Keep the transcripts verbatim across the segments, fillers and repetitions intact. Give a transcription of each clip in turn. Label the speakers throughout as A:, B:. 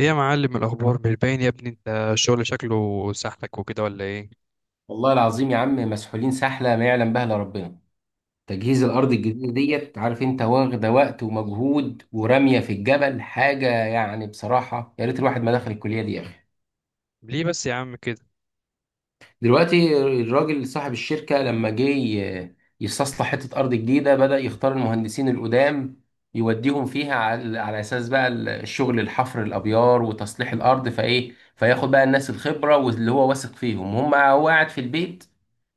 A: ايه يا معلم؟ الاخبار مش باين يا ابني انت. الشغل شكله سحلك وكده ولا ايه؟
B: والله العظيم يا عم مسحولين سحلة ما يعلم بها إلا ربنا. تجهيز الأرض الجديدة ديت عارف أنت واخدة وقت ومجهود ورمية في الجبل حاجة، يعني بصراحة يا ريت الواحد ما دخل الكلية دي يا أخي.
A: ليه بس يا عم كده؟
B: دلوقتي الراجل صاحب الشركة لما جه ي- يستصلح حتة أرض جديدة، بدأ يختار المهندسين القدام يوديهم فيها على, على أساس بقى الشغل الحفر الأبيار وتصليح الأرض، فإيه فياخد بقى الناس الخبرة واللي هو واثق فيهم، هم هو قاعد في البيت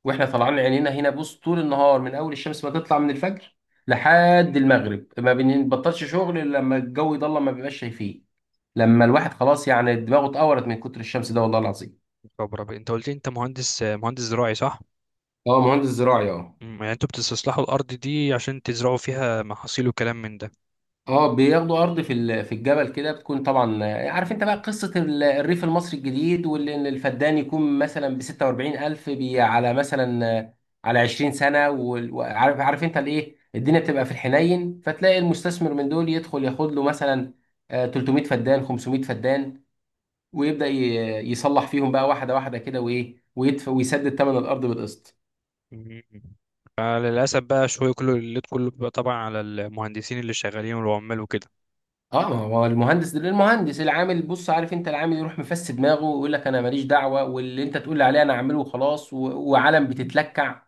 B: وإحنا طالعين عينينا هنا. بص، طول النهار من أول الشمس ما تطلع من الفجر لحد المغرب ما بنبطلش شغل إلا لما الجو يضلم ما بيبقاش شايفين، لما الواحد خلاص يعني دماغه اتقورت من كتر الشمس ده، والله العظيم.
A: خبره بقى. انت قلت لي انت مهندس مهندس زراعي صح؟
B: هو مهندس زراعي، اه.
A: مم، يعني انتوا بتستصلحوا الارض دي عشان تزرعوا فيها محاصيل وكلام من ده.
B: اه بياخدوا ارض في ال- في الجبل كده، بتكون طبعا آه، عارف انت بقى قصه ال- الريف المصري الجديد، واللي إن الفدان يكون مثلا ب ستة وأربعين ألف بي- على مثلا آه، على عشرين سنة سنه وال- وعارف عارف انت الايه، الدنيا بتبقى في الحنين، فتلاقي المستثمر من دول يدخل ياخد له مثلا، آه، تلت ميه فدان خمسمائة فدان، ويبدا ي- يصلح فيهم بقى واحده واحده كده وايه، ويدفع ويسدد ثمن الارض بالقسط.
A: مم. فللاسف بقى شويه كله الليد كله بيبقى طبعا على المهندسين اللي شغالين والعمال وكده.
B: اه، ما هو المهندس المهندس العامل بص، عارف انت العامل يروح مفس دماغه ويقول لك: انا ماليش دعوه، واللي انت تقول لي عليه انا اعمله وخلاص و... وعلم بتتلكع،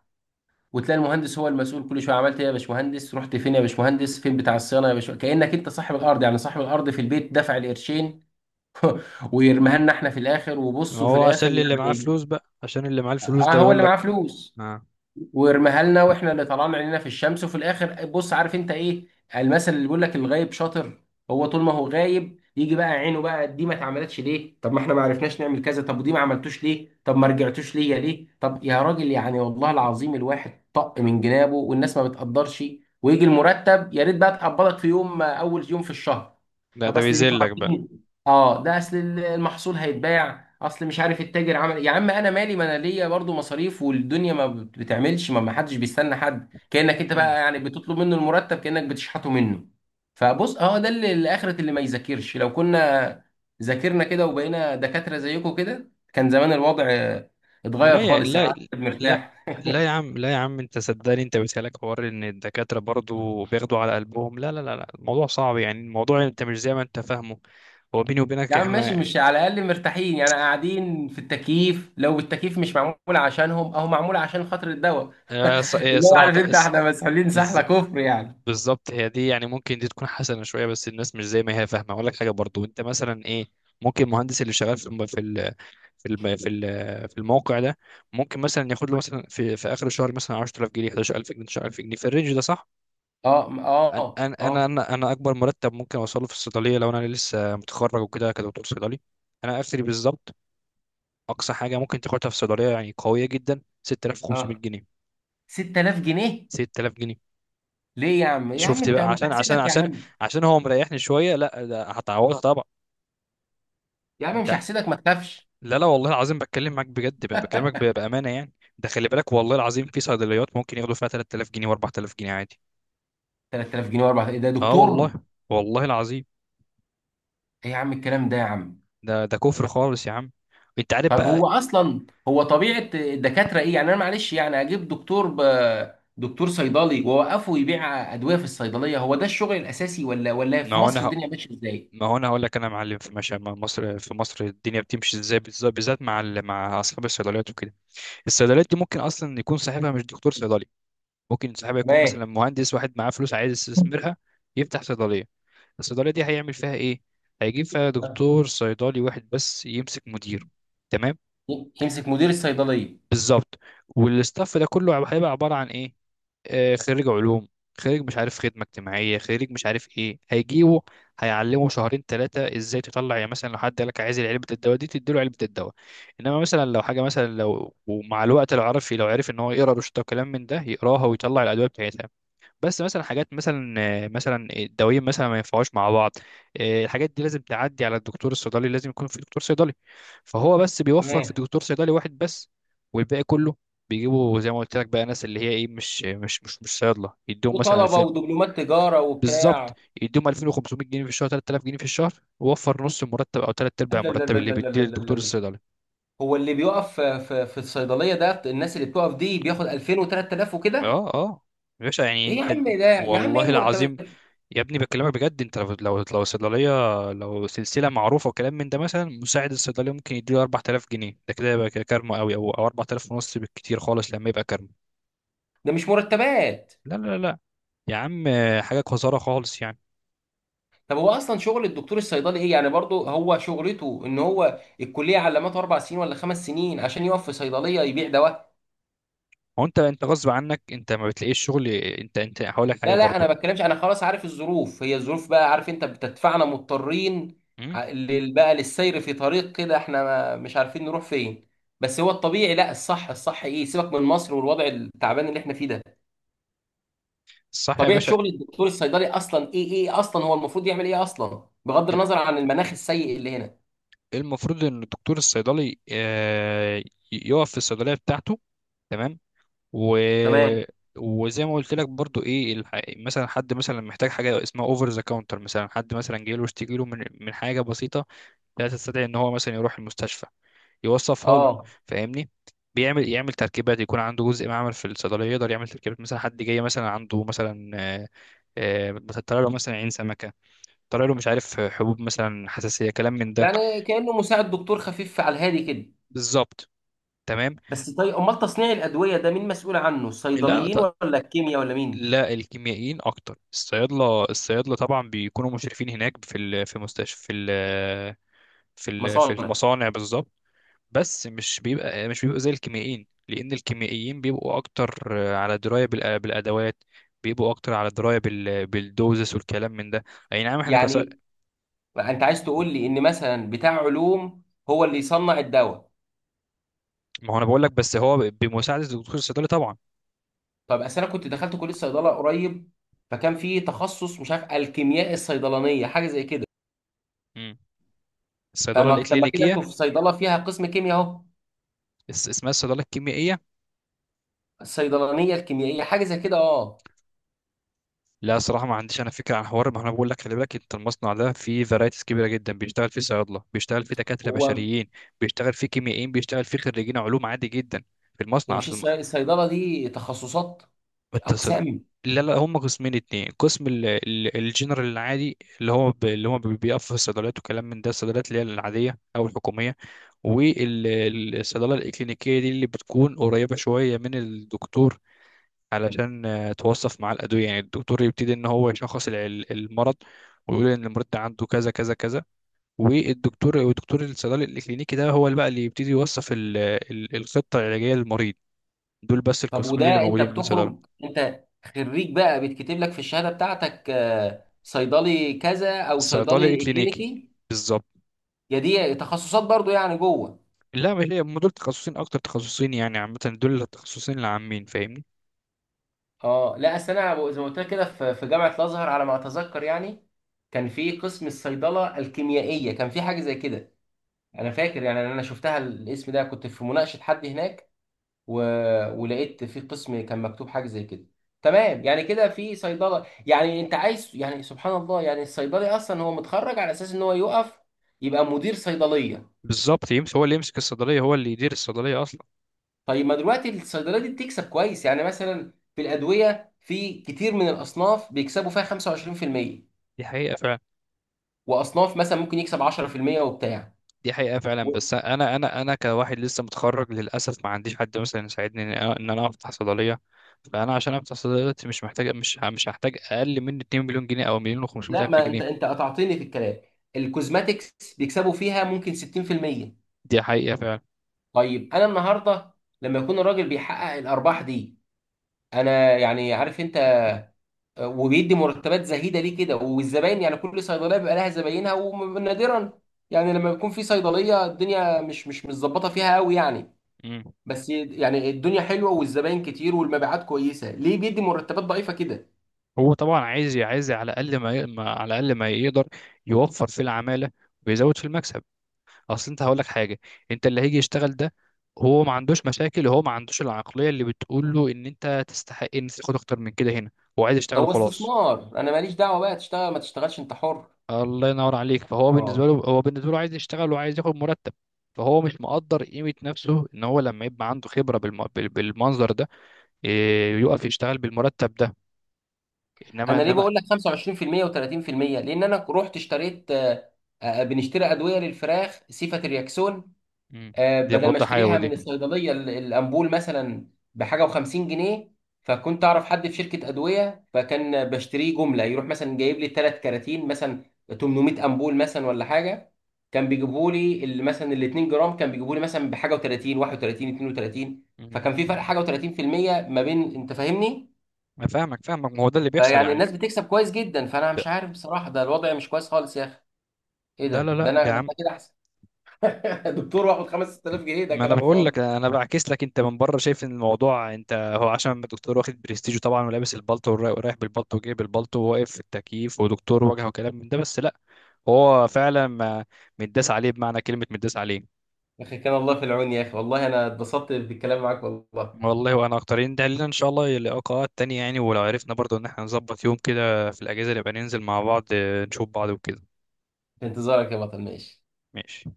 B: وتلاقي المهندس هو المسؤول كل شويه: عملت ايه يا باشمهندس؟ رحت فين يا باشمهندس؟ فين بتاع الصيانه يا باشمهندس؟ كانك انت صاحب الارض، يعني صاحب الارض في البيت دفع القرشين ويرميها لنا احنا في الاخر.
A: ما
B: وبص، وفي
A: هو عشان
B: الاخر
A: اللي معاه
B: يعني
A: فلوس بقى عشان اللي معاه الفلوس
B: اه،
A: ده
B: هو
A: بيقول
B: اللي معاه
A: لك
B: فلوس
A: اه.
B: ويرميها لنا، واحنا اللي طلعنا عينينا في الشمس. وفي الاخر بص، عارف انت ايه المثل اللي بيقول لك: الغايب شاطر. هو طول ما هو غايب يجي بقى عينه بقى: دي ما اتعملتش ليه؟ طب ما احنا ما عرفناش نعمل كذا، طب ودي ما عملتوش ليه؟ طب ما رجعتوش ليا ليه؟ طب يا راجل يعني، والله العظيم الواحد طق من جنابه، والناس ما بتقدرش. ويجي المرتب، يا ريت بقى تقبضك في يوم، اول يوم في الشهر.
A: ده
B: طب
A: ده
B: اصل انتوا
A: بيذلك بقى.
B: عارفين، اه ده اصل المحصول هيتباع، اصل مش عارف التاجر عمل إيه. يا عم انا مالي، ما انا ليا برضه مصاريف، والدنيا ما بت- بتعملش، ما ما حدش بيستنى حد، كانك انت بقى يعني بتطلب منه المرتب كانك بتشحته منه. فبص اه، ده اللي الاخرة اللي ما يذاكرش، لو كنا ذاكرنا كده وبقينا دكاترة زيكم كده، كان زمان الوضع آه، اتغير
A: لا يا
B: خالص يعني،
A: لا.
B: الواحد
A: لا.
B: مرتاح
A: لا يا عم لا يا عم انت صدقني انت بتهلك حوار ان الدكاترة برضو بياخدوا على قلبهم. لا لا لا لا الموضوع صعب، يعني الموضوع انت مش زي ما انت فاهمه. هو بيني
B: يا
A: وبينك
B: عم ماشي،
A: احنا
B: مش على الاقل مرتاحين يعني، قاعدين في التكييف، لو التكييف مش معمول عشانهم اهو معمول عشان خاطر الدواء
A: اه، ص- اه،
B: اللي هو،
A: صراحة
B: عارف انت
A: اس-
B: احنا مسحولين سحله
A: بز-
B: كفر يعني.
A: بالظبط هي دي. يعني ممكن دي تكون حسنة شوية بس الناس مش زي ما هي فاهمة. اقول لك حاجة برضو انت مثلا ايه. ممكن المهندس اللي شغال في الم- في ال- في الم- في ال- في الموقع ده ممكن مثلا ياخد له مثلا في في اخر الشهر مثلا عشر تلاف جنيه أحد عشر ألف جنيه تسعة عشر ألف جنيه في الرينج ده صح؟
B: اه، م-
A: انا
B: اه اه
A: انا انا انا اكبر مرتب ممكن اوصله في الصيدليه لو انا لسه متخرج وكده كدكتور صيدلي، انا اخري بالظبط. اقصى حاجه ممكن تاخدها في الصيدليه يعني قويه جدا 6500
B: اه
A: جنيه
B: ستة آلاف جنيه؟
A: ست تلاف جنيه.
B: ليه يا عم؟ يا عم
A: شفت
B: انت
A: بقى؟
B: مش
A: عشان عشان
B: هحسدك يا
A: عشان
B: عم.
A: عشان هو مريحني شويه. لا ده هتعوضها طبعا.
B: يا عم مش
A: انت،
B: هحسدك، ما تخافش.
A: لا لا والله العظيم بتكلم معاك بجد بقى بكلمك ب- بامانه يعني. ده خلي بالك والله العظيم في صيدليات ممكن ياخدوا فيها ثلاثة آلاف جنيه و4000 جنيه عادي.
B: تلات آلاف جنيه و4000 ده
A: اه والله،
B: دكتور؟
A: والله العظيم.
B: ايه يا عم الكلام ده يا عم.
A: ده ده كفر خالص يا عم. انت عارف
B: طب
A: بقى.
B: هو اصلا هو طبيعه الدكاتره ايه يعني؟ انا معلش يعني اجيب دكتور ب... دكتور صيدلي واوقفه يبيع ادويه في الصيدليه، هو ده الشغل الاساسي؟ ولا ولا
A: ما
B: في
A: هو
B: مصر
A: انا
B: الدنيا ماشيه ازاي؟
A: ما هو انا هقول لك انا يا معلم في ماشي مع مصر، في مصر الدنيا بتمشي ازاي بالز- بالذات مع ال- مع اصحاب الصيدليات وكده. الصيدليات دي ممكن اصلا يكون صاحبها مش دكتور صيدلي. ممكن صاحبها يكون
B: تمام.
A: مثلا مهندس، واحد معاه فلوس عايز يستثمرها يفتح صيدليه. الصيدليه دي هيعمل فيها ايه؟ هيجيب فيها
B: آه.
A: دكتور صيدلي واحد بس يمسك مدير. تمام؟
B: يمسك مدير الصيدليه،
A: بالظبط. والاستاف ده كله هيبقى عباره عن ايه؟ آه، خريج علوم، خريج مش عارف خدمة اجتماعية، خريج مش عارف ايه هيجيبه. هيعلمه شهرين ثلاثة ازاي تطلع، يعني مثلا لو حد قالك عايز علبة الدواء دي تديله علبة الدواء. انما مثلا لو حاجة، مثلا لو ومع الوقت لو عرف، لو عرف ان هو يقرا روشته وكلام من ده، يقراها ويطلع الادوية بتاعتها. بس مثلا حاجات مثلا آه، مثلا الدوايين مثلا ما ينفعوش مع بعض. آه، الحاجات دي لازم تعدي على الدكتور الصيدلي، لازم يكون في دكتور صيدلي. فهو بس بيوفر في دكتور صيدلي واحد بس. والباقي كله بيجيبوا زي ما قلت لك بقى ناس اللي هي ايه، مش مش مش مش صيادله، يديهم مثلا
B: وطلبه
A: ألفين
B: ودبلومات تجاره
A: بالظبط.
B: وبتاع.
A: يديهم ألفين وخمسمائة جنيه في الشهر تلت تلاف جنيه في الشهر، ووفر نص المرتب او ثلاث
B: لا
A: ارباع
B: لا
A: المرتب
B: لا
A: اللي
B: لا لا
A: بيديه
B: لا لا
A: الدكتور
B: لا،
A: الصيدلي.
B: هو اللي بيقف في في في الصيدليه ده، الناس اللي بتقف دي بياخد ألفين و3000 وكده؟
A: اه اه يا باشا. يعني
B: ايه يا
A: انت
B: عم ده يا عم، ايه
A: والله العظيم
B: المرتبات؟
A: يا ابني بكلمك بجد. انت لو لو لو صيدليه، لو سلسله معروفه وكلام من ده، مثلا مساعد الصيدليه ممكن يديله أربعة آلاف جنيه، ده كده يبقى كارما قوي. او او أربعة آلاف ونص بالكتير خالص لما يبقى كارما.
B: ده مش مرتبات.
A: لا لا لا يا عم، حاجه قذاره خالص يعني.
B: طب هو اصلا شغل الدكتور الصيدلي ايه يعني؟ برضه هو شغلته ان هو الكليه علمته اربع سنين ولا خمس سنين عشان يقف في صيدليه يبيع دواء؟
A: هو انت انت غصب عنك انت ما بتلاقيش شغل. انت انت هقول لك حاجه
B: لا لا، انا
A: برضو.
B: ما بتكلمش، انا خلاص عارف الظروف هي الظروف بقى، عارف انت بتدفعنا مضطرين
A: امم؟
B: ع- لل- بقى للسير في طريق كده، احنا ما- مش عارفين نروح فين. بس هو الطبيعي، لا الصح، الصح ايه؟ سيبك من مصر والوضع التعبان اللي احنا فيه ده،
A: صح يا
B: طبيعة
A: باشا.
B: شغل الدكتور الصيدلي اصلا ايه؟ ايه اصلا هو المفروض يعمل ايه اصلا بغض
A: ال-
B: النظر عن المناخ السيء اللي هنا؟
A: المفروض ان الدكتور الصيدلي آه، ي- يقف في الصيدليه بتاعته. تمام. و...
B: تمام.
A: وزي ما قلت لك برضو ايه الح... مثلا حد مثلا محتاج حاجه اسمها اوفر ذا كاونتر. مثلا حد مثلا جاي له اشتكي له من من حاجه بسيطه، لا تستدعي ان هو مثلا يروح المستشفى، يوصفها له.
B: اه،
A: فاهمني؟ بيعمل يعمل تركيبات. يكون عنده جزء معمل في الصيدليه يقدر يعمل تركيبات. مثلا حد جاي مثلا عنده مثلا آه، آه، مثلا طلع له مثلا عين سمكه، طلع له مش عارف حبوب مثلا حساسيه كلام من ده.
B: يعني كأنه مساعد دكتور خفيف على الهادي كده.
A: بالظبط. تمام.
B: بس طيب، امال تصنيع الادوية ده مين مسؤول عنه،
A: لا
B: الصيدليين ولا الكيمياء ولا مين؟
A: لا، الكيميائيين اكتر. الصيادله الصيادله طبعا بيكونوا مشرفين هناك في ال- في مستشفى، في ال- في ال- في
B: مصانع؟
A: المصانع بالظبط. بس مش بيبقى مش بيبقى زي الكيميائيين، لان الكيميائيين بيبقوا اكتر على درايه بالأ- بالادوات، بيبقوا اكتر على درايه بال- بالدوزس والكلام من ده. اي نعم احنا كص...
B: يعني انت عايز تقول لي ان مثلا بتاع علوم هو اللي يصنع الدواء؟
A: ما هو انا بقول لك بس هو بمساعده الدكتور الصيدلي طبعا.
B: طب اصل انا كنت دخلت كليه صيدله قريب، فكان في تخصص مش عارف الكيمياء الصيدلانيه حاجه زي كده.
A: مم. الصيدله
B: فما طب ما كده
A: الاكلينيكيه.
B: انتوا في صيدله فيها قسم كيمياء اهو.
A: اس- اسمها الصيدله الكيميائيه.
B: الصيدلانيه الكيميائيه حاجه زي كده، اه.
A: لا صراحة ما عنديش أنا فكرة عن حوار. ما أنا بقول لك خلي بالك أنت المصنع ده فيه فرايتيز كبيرة جدا. بيشتغل فيه صيادلة، بيشتغل فيه دكاترة
B: هو
A: بشريين، بيشتغل فيه كيميائيين، بيشتغل فيه خريجين علوم عادي جدا في
B: هي
A: المصنع
B: مش
A: أصلا. ما-
B: الصي- الصيدله دي تخصصات؟
A: ما التصد...
B: اقسام؟
A: لا لا هم قسمين اتنين. قسم ال- ال- الجنرال العادي اللي هو ب... اللي هو بي- بيقف في الصيدليات وكلام من ده، الصيدليات اللي هي العادية أو الحكومية. والصيدلة الإكلينيكية دي اللي بتكون قريبة شوية من الدكتور، علشان آه، توصف معاه الأدوية. يعني الدكتور يبتدي إن هو يشخص الع- المرض، ويقول إن المريض ده عنده كذا كذا كذا. والدكتور، والدكتور الصيدلي الكلينيكي ده هو اللي بقى اللي يبتدي يوصف ال- ال- الخطة العلاجية للمريض. دول بس
B: طب
A: القسمين اللي
B: وده انت
A: موجودين من
B: بتخرج،
A: صيدلة.
B: انت خريج بقى بيتكتب لك في الشهاده بتاعتك آه، صيدلي كذا او
A: الصيدلي
B: صيدلي
A: الكلينيكي
B: كلينيكي؟
A: بالظبط.
B: يا دي تخصصات برضو يعني جوه؟
A: لا مش هي. هم دول تخصصين، أكتر تخصصين يعني، عامة دول التخصصين العامين. فاهمني؟
B: اه لا اصل انا أبو- زي ما قلت لك كده، في في جامعه الازهر على ما اتذكر يعني، كان في قسم الصيدله الكيميائيه، كان في حاجه زي كده. انا فاكر يعني، انا شفتها الاسم ده كنت في مناقشه حد هناك، و... ولقيت في قسم كان مكتوب حاجه زي كده. تمام يعني كده في صيدله يعني انت عايز، يعني سبحان الله يعني، الصيدلي اصلا هو متخرج على اساس ان هو يقف يبقى مدير صيدليه.
A: بالظبط، يمسك. هو اللي يمسك الصيدلية، هو اللي يدير الصيدلية أصلا.
B: طيب ما دلوقتي الصيدليه دي بتكسب كويس، يعني مثلا في الادويه في كتير من الاصناف بيكسبوا فيها خمسة وعشرين في المية،
A: دي حقيقة فعلا.
B: واصناف مثلا ممكن يكسب عشرة في المية وبتاع
A: دي حقيقة فعلا
B: و...
A: بس أنا أنا أنا كواحد لسه متخرج للأسف ما عنديش حد مثلا يساعدني إن أنا إن أنا أفتح صيدلية. فأنا عشان أفتح صيدلية دلوقتي مش محتاج، مش ه- مش هحتاج أقل من اتنين مليون جنيه أو مليون و500
B: لا
A: ألف
B: ما انت،
A: جنيه.
B: انت قطعتني في الكلام. الكوزماتكس بيكسبوا فيها ممكن ستين في المية.
A: دي حقيقة فعلا.
B: طيب انا النهارده لما يكون الراجل بيحقق الارباح دي، انا يعني عارف انت، وبيدي مرتبات زهيده ليه كده؟ والزباين يعني كل صيدليه بيبقى لها زباينها، ونادرا يعني لما يكون في صيدليه الدنيا مش مش متظبطه فيها قوي يعني،
A: مم.
B: بس يعني الدنيا حلوه والزباين كتير والمبيعات كويسه، ليه بيدي مرتبات ضعيفه كده؟
A: هو طبعا عايز عايز على الأقل ما, ي- ما على الأقل ما يقدر يوفر في العمالة ويزود في المكسب. أصل أنت هقول لك حاجة. أنت اللي هيجي يشتغل ده هو ما عندوش مشاكل. هو ما عندوش العقلية اللي بتقول له إن أنت تستحق إن تاخد أكتر من كده هنا. هو عايز يشتغل
B: هو
A: وخلاص.
B: استثمار، انا ماليش دعوه بقى، تشتغل ما تشتغلش انت حر.
A: الله ينور عليك. فهو بالنسبه
B: اه.
A: له، هو بالنسبه له عايز يشتغل وعايز ياخد مرتب. فهو مش مقدر قيمه نفسه ان هو لما يبقى عنده خبره بالم... بال- بالمنظر ده، إيه، يقف يشتغل بالمرتب ده. انما
B: انا ليه
A: انما
B: بقول لك خمسة وعشرين في المية و30%؟ لان انا رحت اشتريت آه، آه، بنشتري ادويه للفراخ سيفا ترياكسون.
A: مم.
B: آه،
A: دي
B: بدل ما
A: مضاد حيوي
B: اشتريها
A: دي.
B: من الصيدليه ال- الامبول مثلا بحاجه و50 جنيه، فكنت اعرف حد في شركه ادويه، فكان بشتريه جمله، يروح مثلا جايب لي ثلاث كراتين مثلا، تمن ميه امبول مثلا ولا حاجه، كان بيجيبوا لي ال- مثلا ال 2 جرام كان بيجيبوا لي مثلا بحاجه و30 واحد وتلاتين اتنين وتلاتين،
A: مم.
B: فكان في فرق حاجه و30% ما بين، انت فاهمني.
A: انا فاهمك فاهمك، ما هو ده اللي بيحصل
B: فيعني
A: يعني.
B: الناس بتكسب كويس جدا، فانا
A: ده-
B: مش عارف بصراحه، ده الوضع مش كويس خالص يا اخي. ايه ده،
A: لا لا
B: ده
A: لا
B: انا،
A: يا
B: ده انا
A: عم،
B: كده احسن دكتور واخد خمسة آلاف جنيه، ده
A: ما انا
B: كلام
A: بقول لك
B: فاضي.
A: انا بعكس لك انت من بره شايف ان الموضوع انت، هو عشان الدكتور واخد برستيجه طبعا ولابس البلطو ورايح بالبلطو وجايب البلطو وواقف في التكييف ودكتور وجهه وكلام من ده، بس لا. هو فعلا ما- متداس عليه بمعنى كلمة متداس عليه.
B: يا اخي كان الله في العون، يا اخي والله انا اتبسطت بالكلام معاك والله.
A: والله وانا اكترين ده لنا ان شاء الله لقاءات تانية يعني. ولو عرفنا برضو ان احنا نظبط يوم كده في الاجازة نبقى ننزل مع بعض، آه، نشوف بعض وكده.
B: في انتظارك يا بطل، ماشي.
A: ماشي.